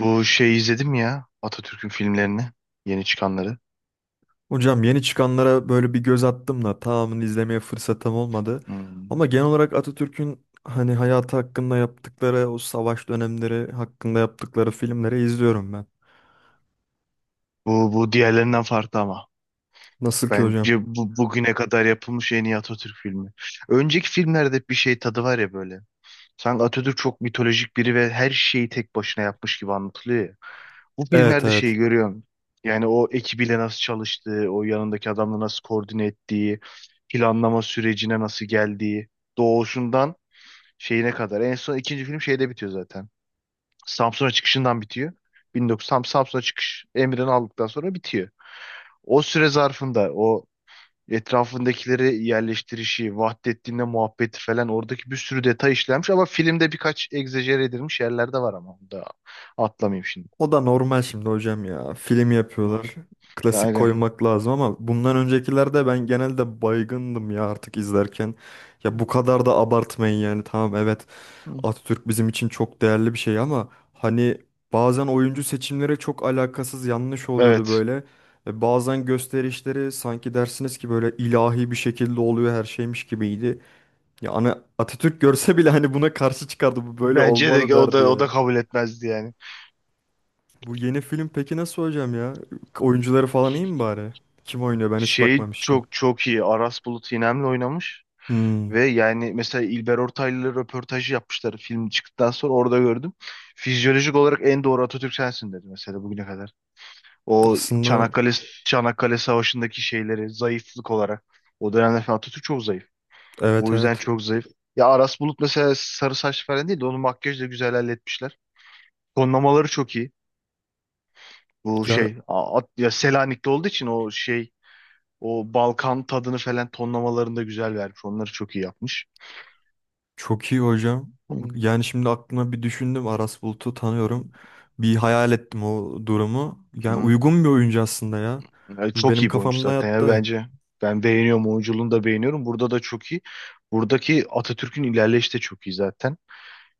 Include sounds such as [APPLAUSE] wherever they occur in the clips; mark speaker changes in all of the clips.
Speaker 1: Bu izledim ya Atatürk'ün filmlerini yeni çıkanları.
Speaker 2: Hocam yeni çıkanlara böyle bir göz attım da tamamını izlemeye fırsatım olmadı.
Speaker 1: Hmm.
Speaker 2: Ama genel olarak Atatürk'ün hayatı hakkında yaptıkları, o savaş dönemleri hakkında yaptıkları filmleri izliyorum ben.
Speaker 1: Bu diğerlerinden farklı ama.
Speaker 2: Nasıl ki hocam?
Speaker 1: Bence bu bugüne kadar yapılmış en iyi Atatürk filmi. Önceki filmlerde bir şey tadı var ya böyle. Sanki Atatürk çok mitolojik biri ve her şeyi tek başına yapmış gibi anlatılıyor ya. Bu
Speaker 2: Evet,
Speaker 1: filmlerde şeyi
Speaker 2: evet.
Speaker 1: görüyorum. Yani o ekibiyle nasıl çalıştığı, o yanındaki adamla nasıl koordine ettiği, planlama sürecine nasıl geldiği, doğuşundan şeyine kadar. En son ikinci film şeyde bitiyor zaten. Samsun'a çıkışından bitiyor. 1900 tam Samsun'a çıkış emrini aldıktan sonra bitiyor. O süre zarfında o etrafındakileri yerleştirişi, Vahdettin'le muhabbeti falan oradaki bir sürü detay işlenmiş ama filmde birkaç egzajere edilmiş yerler de var ama onu da atlamayayım şimdi.
Speaker 2: O da normal şimdi hocam ya. Film
Speaker 1: Hı.
Speaker 2: yapıyorlar. Klasik
Speaker 1: Aynen.
Speaker 2: koymak lazım ama bundan öncekilerde ben genelde baygındım ya artık izlerken. Ya bu kadar da abartmayın yani. Tamam, evet,
Speaker 1: Hı.
Speaker 2: Atatürk bizim için çok değerli bir şey ama hani bazen oyuncu seçimleri çok alakasız, yanlış oluyordu
Speaker 1: Evet.
Speaker 2: böyle. Bazen gösterişleri sanki dersiniz ki böyle ilahi bir şekilde oluyor her şeymiş gibiydi. Ya ana Atatürk görse bile hani buna karşı çıkardı, bu böyle
Speaker 1: Bence
Speaker 2: olmadı
Speaker 1: de o da
Speaker 2: derdi
Speaker 1: o da
Speaker 2: yani.
Speaker 1: kabul etmezdi yani.
Speaker 2: Bu yeni film peki nasıl hocam ya? Oyuncuları falan iyi mi bari? Kim oynuyor, ben hiç bakmamıştım.
Speaker 1: Çok çok iyi. Aras Bulut İynem'le oynamış.
Speaker 2: Hmm,
Speaker 1: Ve yani mesela İlber Ortaylı'yla röportajı yapmışlar film çıktıktan sonra orada gördüm. Fizyolojik olarak en doğru Atatürk sensin dedi mesela bugüne kadar. O
Speaker 2: aslında
Speaker 1: Çanakkale Savaşı'ndaki şeyleri zayıflık olarak o dönemde falan Atatürk çok zayıf.
Speaker 2: evet,
Speaker 1: O yüzden
Speaker 2: evet.
Speaker 1: çok zayıf. Ya Aras Bulut mesela sarı saç falan değil de onu makyajla güzel halletmişler. Tonlamaları çok iyi. Bu
Speaker 2: Ya
Speaker 1: ya Selanik'te olduğu için o o Balkan tadını falan tonlamalarında güzel vermiş. Onları çok iyi yapmış.
Speaker 2: çok iyi hocam.
Speaker 1: Hmm.
Speaker 2: Yani şimdi aklıma bir düşündüm. Aras Bulut'u tanıyorum. Bir hayal ettim o durumu. Yani
Speaker 1: Hı.
Speaker 2: uygun bir oyuncu aslında ya.
Speaker 1: Ya
Speaker 2: Bu
Speaker 1: çok
Speaker 2: benim
Speaker 1: iyi bir oyuncu
Speaker 2: kafamda
Speaker 1: zaten ya
Speaker 2: yattı.
Speaker 1: bence. Ben beğeniyorum oyunculuğunu da beğeniyorum. Burada da çok iyi. Buradaki Atatürk'ün ilerleyişi de çok iyi zaten.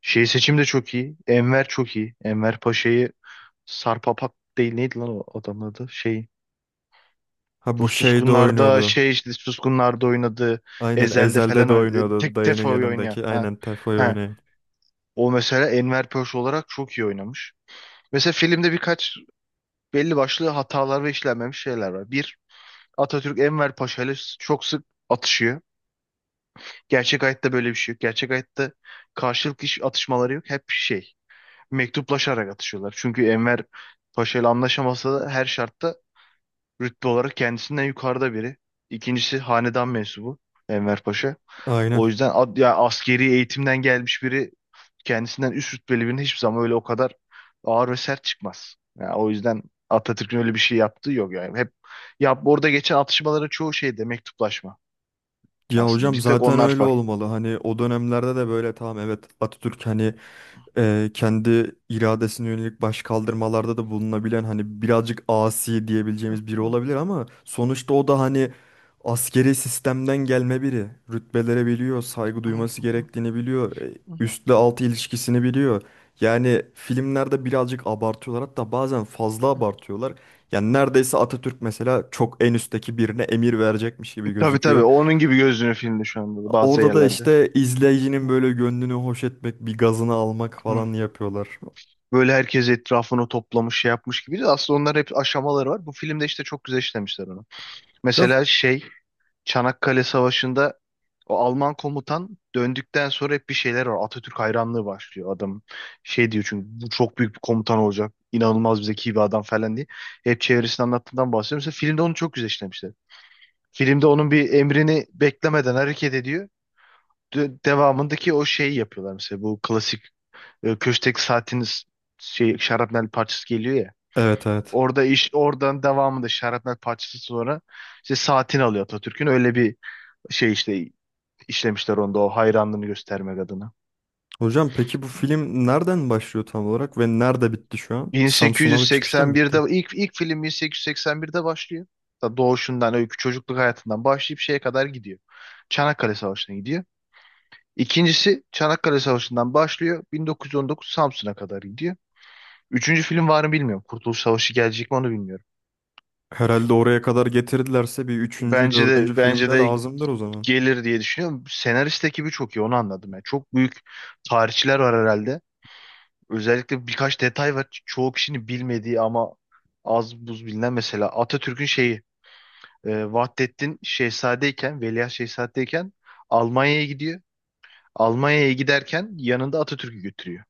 Speaker 1: Seçim de çok iyi. Enver çok iyi. Enver Paşa'yı Sarpapat değil neydi lan o adamın adı?
Speaker 2: Ha
Speaker 1: Bu
Speaker 2: bu şeyde
Speaker 1: Suskunlar'da
Speaker 2: oynuyordu.
Speaker 1: işte Suskunlar'da oynadı.
Speaker 2: Aynen,
Speaker 1: Ezel'de
Speaker 2: Ezel'de
Speaker 1: falan
Speaker 2: de
Speaker 1: oynadı.
Speaker 2: oynuyordu
Speaker 1: Tek
Speaker 2: dayının
Speaker 1: Tefo'yu oynayan.
Speaker 2: yanındaki.
Speaker 1: Ha.
Speaker 2: Aynen, Tefo'yu
Speaker 1: Ha.
Speaker 2: oynayan.
Speaker 1: O mesela Enver Paşa olarak çok iyi oynamış. Mesela filmde birkaç belli başlı hatalar ve işlenmemiş şeyler var. Bir Atatürk Enver Paşa ile çok sık atışıyor. Gerçek hayatta böyle bir şey yok. Gerçek hayatta karşılıklı hiç atışmaları yok. Hep mektuplaşarak atışıyorlar. Çünkü Enver Paşa ile anlaşamasa da her şartta rütbe olarak kendisinden yukarıda biri. İkincisi hanedan mensubu Enver Paşa. O
Speaker 2: Aynen.
Speaker 1: yüzden ya askeri eğitimden gelmiş biri kendisinden üst rütbeli birinin hiçbir zaman öyle o kadar ağır ve sert çıkmaz. Yani o yüzden Atatürk'ün öyle bir şey yaptığı yok yani. Hep ya orada geçen atışmaların çoğu şeyde mektuplaşma.
Speaker 2: Ya
Speaker 1: Aslında
Speaker 2: hocam
Speaker 1: bir tek
Speaker 2: zaten
Speaker 1: onlar
Speaker 2: öyle
Speaker 1: var.
Speaker 2: olmalı. Hani o dönemlerde de böyle, tamam, evet, Atatürk hani kendi iradesine yönelik başkaldırmalarda da bulunabilen hani birazcık asi diyebileceğimiz biri
Speaker 1: [LAUGHS]
Speaker 2: olabilir ama sonuçta o da hani askeri sistemden gelme biri. Rütbelere biliyor, saygı duyması gerektiğini biliyor, üstle altı ilişkisini biliyor. Yani filmlerde birazcık abartıyorlar, hatta bazen fazla abartıyorlar. Yani neredeyse Atatürk mesela çok en üstteki birine emir verecekmiş gibi
Speaker 1: Tabii tabii
Speaker 2: gözüküyor.
Speaker 1: onun gibi gözünü filmde şu anda da bazı
Speaker 2: Orada da
Speaker 1: yerlerde.
Speaker 2: işte izleyicinin böyle gönlünü hoş etmek, bir gazını almak falan yapıyorlar.
Speaker 1: Böyle herkes etrafını toplamış şey yapmış gibi. Aslında onlar hep aşamaları var. Bu filmde işte çok güzel işlemişler onu.
Speaker 2: Hocam,
Speaker 1: Mesela Çanakkale Savaşı'nda o Alman komutan döndükten sonra hep bir şeyler var. Atatürk hayranlığı başlıyor adam. Şey diyor çünkü bu çok büyük bir komutan olacak. İnanılmaz bir zeki bir adam falan diye. Hep çevresini anlattığından bahsediyorum. Mesela filmde onu çok güzel işlemişler. Filmde onun bir emrini beklemeden hareket ediyor. Devamındaki o şeyi yapıyorlar mesela bu klasik köşkteki saatiniz şarapnel parçası geliyor ya.
Speaker 2: evet, evet.
Speaker 1: Orada iş oradan devamında şarapnel parçası sonra işte saatini alıyor Atatürk'ün. Öyle bir şey işte işlemişler onda o hayranlığını göstermek adına.
Speaker 2: Hocam peki bu film nereden başlıyor tam olarak ve nerede bitti şu an? Samsun'a ve çıkışta mı
Speaker 1: 1881'de
Speaker 2: bitti?
Speaker 1: ilk film 1881'de başlıyor. Ta doğuşundan, öykü çocukluk hayatından başlayıp şeye kadar gidiyor. Çanakkale Savaşı'na gidiyor. İkincisi Çanakkale Savaşı'ndan başlıyor. 1919 Samsun'a kadar gidiyor. Üçüncü film var mı bilmiyorum. Kurtuluş Savaşı gelecek mi onu bilmiyorum.
Speaker 2: Herhalde oraya kadar getirdilerse bir üçüncü,
Speaker 1: Bence
Speaker 2: dördüncü
Speaker 1: de
Speaker 2: filmde
Speaker 1: bence de
Speaker 2: lazımdır o zaman.
Speaker 1: gelir diye düşünüyorum. Senarist ekibi çok iyi onu anladım. Yani çok büyük tarihçiler var herhalde. Özellikle birkaç detay var. Çoğu kişinin bilmediği ama az buz bilinen mesela Atatürk'ün şeyi Vahdettin Veliaht Şehzade'yken Almanya'ya gidiyor. Almanya'ya giderken yanında Atatürk'ü götürüyor.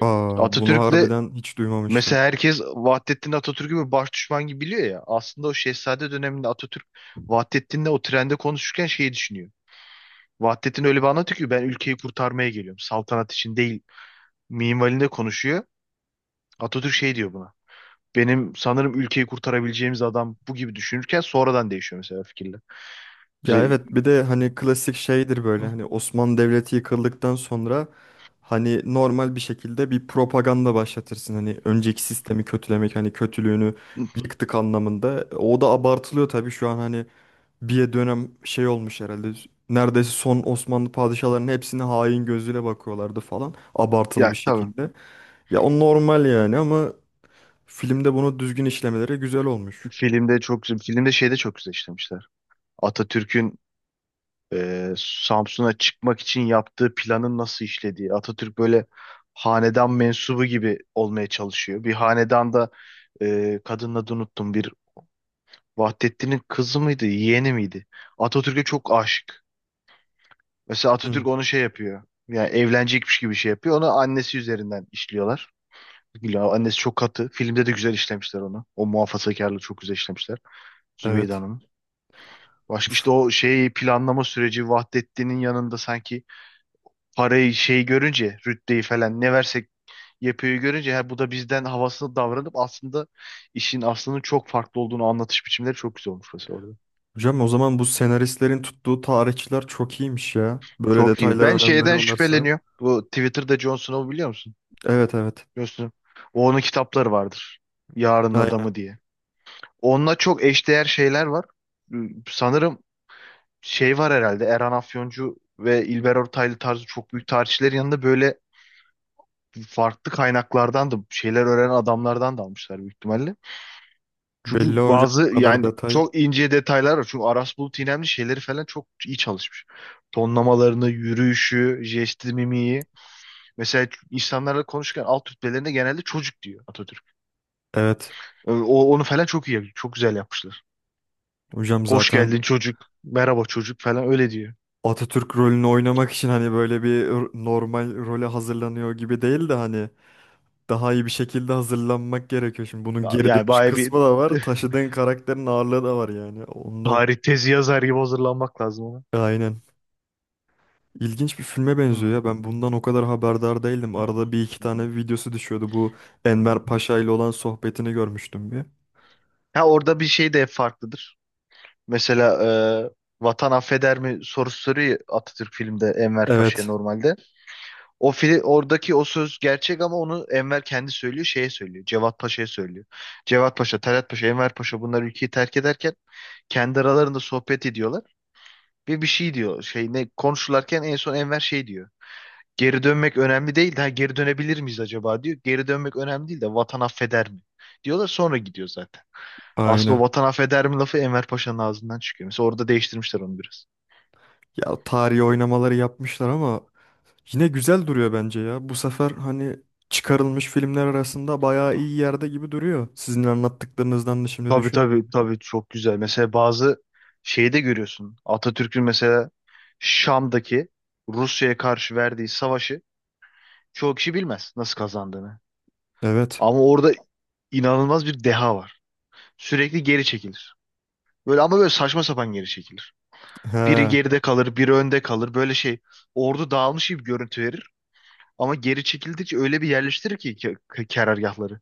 Speaker 2: Aa, bunu
Speaker 1: Atatürk'le
Speaker 2: harbiden hiç duymamıştım.
Speaker 1: Mesela herkes Vahdettin Atatürk'ü bir baş düşman gibi biliyor ya. Aslında o Şehzade döneminde Atatürk Vahdettin'le o trende konuşurken şeyi düşünüyor. Vahdettin öyle bir anlatıyor ki ben ülkeyi kurtarmaya geliyorum. Saltanat için değil. Minvalinde konuşuyor. Atatürk şey diyor buna. Benim sanırım ülkeyi kurtarabileceğimiz adam bu gibi düşünürken sonradan değişiyor mesela fikirler.
Speaker 2: Ya
Speaker 1: İşte-
Speaker 2: evet, bir de hani klasik şeydir böyle, hani Osmanlı Devleti yıkıldıktan sonra hani normal bir şekilde bir propaganda başlatırsın. Hani önceki sistemi kötülemek, hani kötülüğünü yıktık anlamında. O da abartılıyor tabii şu an, hani bir dönem şey olmuş herhalde. Neredeyse son Osmanlı padişahlarının hepsine hain gözüyle bakıyorlardı falan. Abartılı
Speaker 1: ya
Speaker 2: bir
Speaker 1: tabii.
Speaker 2: şekilde. Ya o normal yani ama filmde bunu düzgün işlemeleri güzel olmuş.
Speaker 1: Filmde çok güzel. Filmde şeyde çok güzel işlemişler. Atatürk'ün Samsun'a çıkmak için yaptığı planın nasıl işlediği. Atatürk böyle hanedan mensubu gibi olmaya çalışıyor. Bir hanedanda kadının adını unuttum. Bir Vahdettin'in kızı mıydı, yeğeni miydi? Atatürk'e çok aşık. Mesela
Speaker 2: Hı,
Speaker 1: Atatürk onu şey yapıyor. Yani evlenecekmiş gibi şey yapıyor. Onu annesi üzerinden işliyorlar. Güla, annesi çok katı. Filmde de güzel işlemişler onu. O muhafazakarlığı çok güzel işlemişler. Zübeyde
Speaker 2: evet.
Speaker 1: Hanım'ın. Başka
Speaker 2: Uf.
Speaker 1: işte o şey planlama süreci Vahdettin'in yanında sanki parayı şey görünce rütbeyi falan ne versek yapıyor görünce ha, bu da bizden havasını davranıp aslında işin aslının çok farklı olduğunu anlatış biçimleri çok güzel olmuş mesela orada.
Speaker 2: Hocam o zaman bu senaristlerin tuttuğu tarihçiler çok iyiymiş ya. Böyle
Speaker 1: Çok iyi.
Speaker 2: detaylara
Speaker 1: Ben
Speaker 2: önem
Speaker 1: şeyden
Speaker 2: veriyorlarsa.
Speaker 1: şüpheleniyorum. Bu Twitter'da Jon Snow'u biliyor musun?
Speaker 2: Evet, evet.
Speaker 1: Jon Snow. O onun kitapları vardır. Yarının
Speaker 2: Aynen.
Speaker 1: Adamı diye. Onunla çok eşdeğer şeyler var. Ee, Sanırım şey var herhalde. Erhan Afyoncu ve İlber Ortaylı tarzı çok büyük tarihçilerin yanında böyle farklı kaynaklardan da şeyler öğrenen adamlardan da almışlar büyük ihtimalle.
Speaker 2: Belli
Speaker 1: Çünkü
Speaker 2: hocam
Speaker 1: bazı
Speaker 2: bu kadar
Speaker 1: yani
Speaker 2: detay.
Speaker 1: çok ince detaylar var. Çünkü Aras Bulut İynemli şeyleri falan çok iyi çalışmış. Tonlamalarını, yürüyüşü, jesti, mimiği. Mesela insanlarla konuşurken alt rütbelerinde genelde çocuk diyor Atatürk.
Speaker 2: Evet.
Speaker 1: Onu falan çok iyi yapıyor. Çok güzel yapmışlar.
Speaker 2: Hocam
Speaker 1: Hoş
Speaker 2: zaten
Speaker 1: geldin çocuk, merhaba çocuk falan öyle diyor.
Speaker 2: Atatürk rolünü oynamak için hani böyle normal role hazırlanıyor gibi değil de hani daha iyi bir şekilde hazırlanmak gerekiyor. Şimdi bunun geri
Speaker 1: Yani
Speaker 2: dönüş
Speaker 1: baya bir
Speaker 2: kısmı da var.
Speaker 1: [LAUGHS]
Speaker 2: Taşıdığın karakterin ağırlığı da var yani. Ondan
Speaker 1: tarih tezi yazar gibi hazırlanmak lazım ona.
Speaker 2: aynen. İlginç bir filme
Speaker 1: Hı,
Speaker 2: benziyor ya.
Speaker 1: hı,
Speaker 2: Ben bundan o kadar haberdar değildim.
Speaker 1: hı, hı,
Speaker 2: Arada bir iki tane videosu düşüyordu. Bu
Speaker 1: hı, hı.
Speaker 2: Enver Paşa ile olan sohbetini görmüştüm bir.
Speaker 1: Ha orada bir şey de farklıdır. Mesela e, vatan affeder mi sorusu soruyor ya Atatürk filmde Enver Paşa'ya
Speaker 2: Evet,
Speaker 1: normalde. O fil oradaki o söz gerçek ama onu Enver kendi söylüyor, şeye söylüyor. Cevat Paşa'ya söylüyor. Cevat Paşa, Talat Paşa, Enver Paşa bunlar ülkeyi terk ederken kendi aralarında sohbet ediyorlar ve bir şey diyor. Şey ne konuşurlarken en son Enver şey diyor. Geri dönmek önemli değil de ha, geri dönebilir miyiz acaba diyor. Geri dönmek önemli değil de vatan affeder mi? Diyorlar sonra gidiyor zaten. Aslında
Speaker 2: aynen.
Speaker 1: o vatan affeder mi lafı Enver Paşa'nın ağzından çıkıyor. Mesela orada değiştirmişler onu biraz.
Speaker 2: Ya tarihi oynamaları yapmışlar ama yine güzel duruyor bence ya. Bu sefer hani çıkarılmış filmler arasında bayağı iyi yerde gibi duruyor. Sizin anlattıklarınızdan da şimdi
Speaker 1: Tabii
Speaker 2: düşündüm.
Speaker 1: tabii tabii çok güzel. Mesela bazı şeyi de görüyorsun. Atatürk'ün mesela Şam'daki Rusya'ya karşı verdiği savaşı çoğu kişi bilmez nasıl kazandığını.
Speaker 2: Evet.
Speaker 1: Ama orada inanılmaz bir deha var. Sürekli geri çekilir. Böyle ama böyle saçma sapan geri çekilir. Biri
Speaker 2: He.
Speaker 1: geride kalır, biri önde kalır. Böyle ordu dağılmış gibi görüntü verir. Ama geri çekildikçe öyle bir yerleştirir ki karargahları.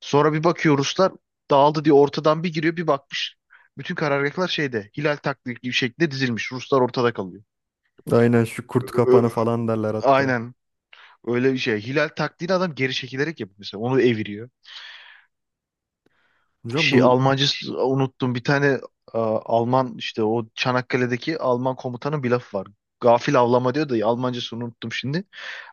Speaker 1: Sonra bir bakıyor Ruslar dağıldı diye ortadan bir giriyor bir bakmış. Bütün karargahlar şeyde hilal taktiği gibi şekilde dizilmiş. Ruslar ortada kalıyor.
Speaker 2: Aynen, şu kurt
Speaker 1: Ö- ö-
Speaker 2: kapanı falan derler hatta.
Speaker 1: Aynen öyle bir şey. Hilal taktiğini adam geri çekilerek yapıyor mesela. Onu eviriyor.
Speaker 2: Hocam
Speaker 1: şey
Speaker 2: bu
Speaker 1: Almancı unuttum. Bir tane Alman işte o Çanakkale'deki Alman komutanın bir lafı var. Gafil avlama diyor da Almancasını unuttum şimdi.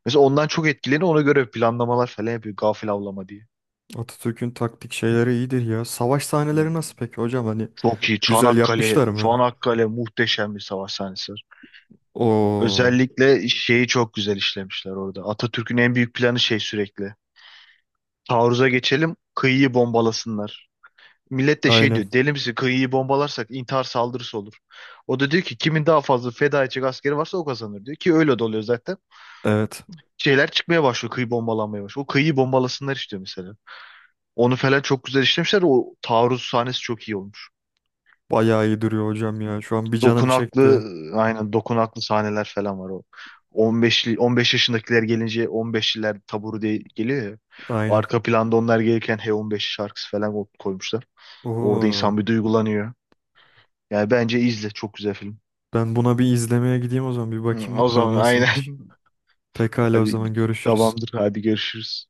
Speaker 1: Mesela ondan çok etkileniyor. Ona göre planlamalar falan yapıyor. Gafil avlama diye.
Speaker 2: Atatürk'ün taktik şeyleri iyidir ya. Savaş sahneleri nasıl
Speaker 1: Hmm.
Speaker 2: peki hocam? Hani
Speaker 1: Çok iyi.
Speaker 2: güzel
Speaker 1: Çanakkale,
Speaker 2: yapmışlar mı?
Speaker 1: Çanakkale muhteşem bir savaş sahnesi var.
Speaker 2: Oo.
Speaker 1: Özellikle şeyi çok güzel işlemişler orada. Atatürk'ün en büyük planı şey sürekli. Taarruza geçelim, kıyıyı bombalasınlar. Millet de şey
Speaker 2: Aynen.
Speaker 1: diyor. Deli misin? Kıyıyı bombalarsak intihar saldırısı olur. O da diyor ki kimin daha fazla feda edecek askeri varsa o kazanır diyor. Ki öyle de oluyor zaten.
Speaker 2: Evet.
Speaker 1: Şeyler çıkmaya başlıyor. Kıyı bombalanmaya başlıyor. O kıyıyı bombalasınlar istiyor mesela. Onu falan çok güzel işlemişler. O taarruz sahnesi çok iyi olmuş.
Speaker 2: Bayağı iyi duruyor hocam ya. Şu an bir canım
Speaker 1: Dokunaklı
Speaker 2: çekti.
Speaker 1: aynen dokunaklı sahneler falan var o. 15 yaşındakiler gelince 15'liler taburu diye geliyor ya.
Speaker 2: Aynen.
Speaker 1: Arka planda onlar gelirken H15 şarkısı falan koymuşlar. Orada
Speaker 2: Oo.
Speaker 1: insan bir duygulanıyor. Yani bence izle çok güzel film.
Speaker 2: Ben buna bir izlemeye gideyim o zaman. Bir
Speaker 1: Hı,
Speaker 2: bakayım
Speaker 1: o
Speaker 2: bakalım
Speaker 1: zaman aynen.
Speaker 2: nasılmış.
Speaker 1: [LAUGHS]
Speaker 2: Pekala o
Speaker 1: Hadi
Speaker 2: zaman görüşürüz.
Speaker 1: tamamdır. Hadi görüşürüz.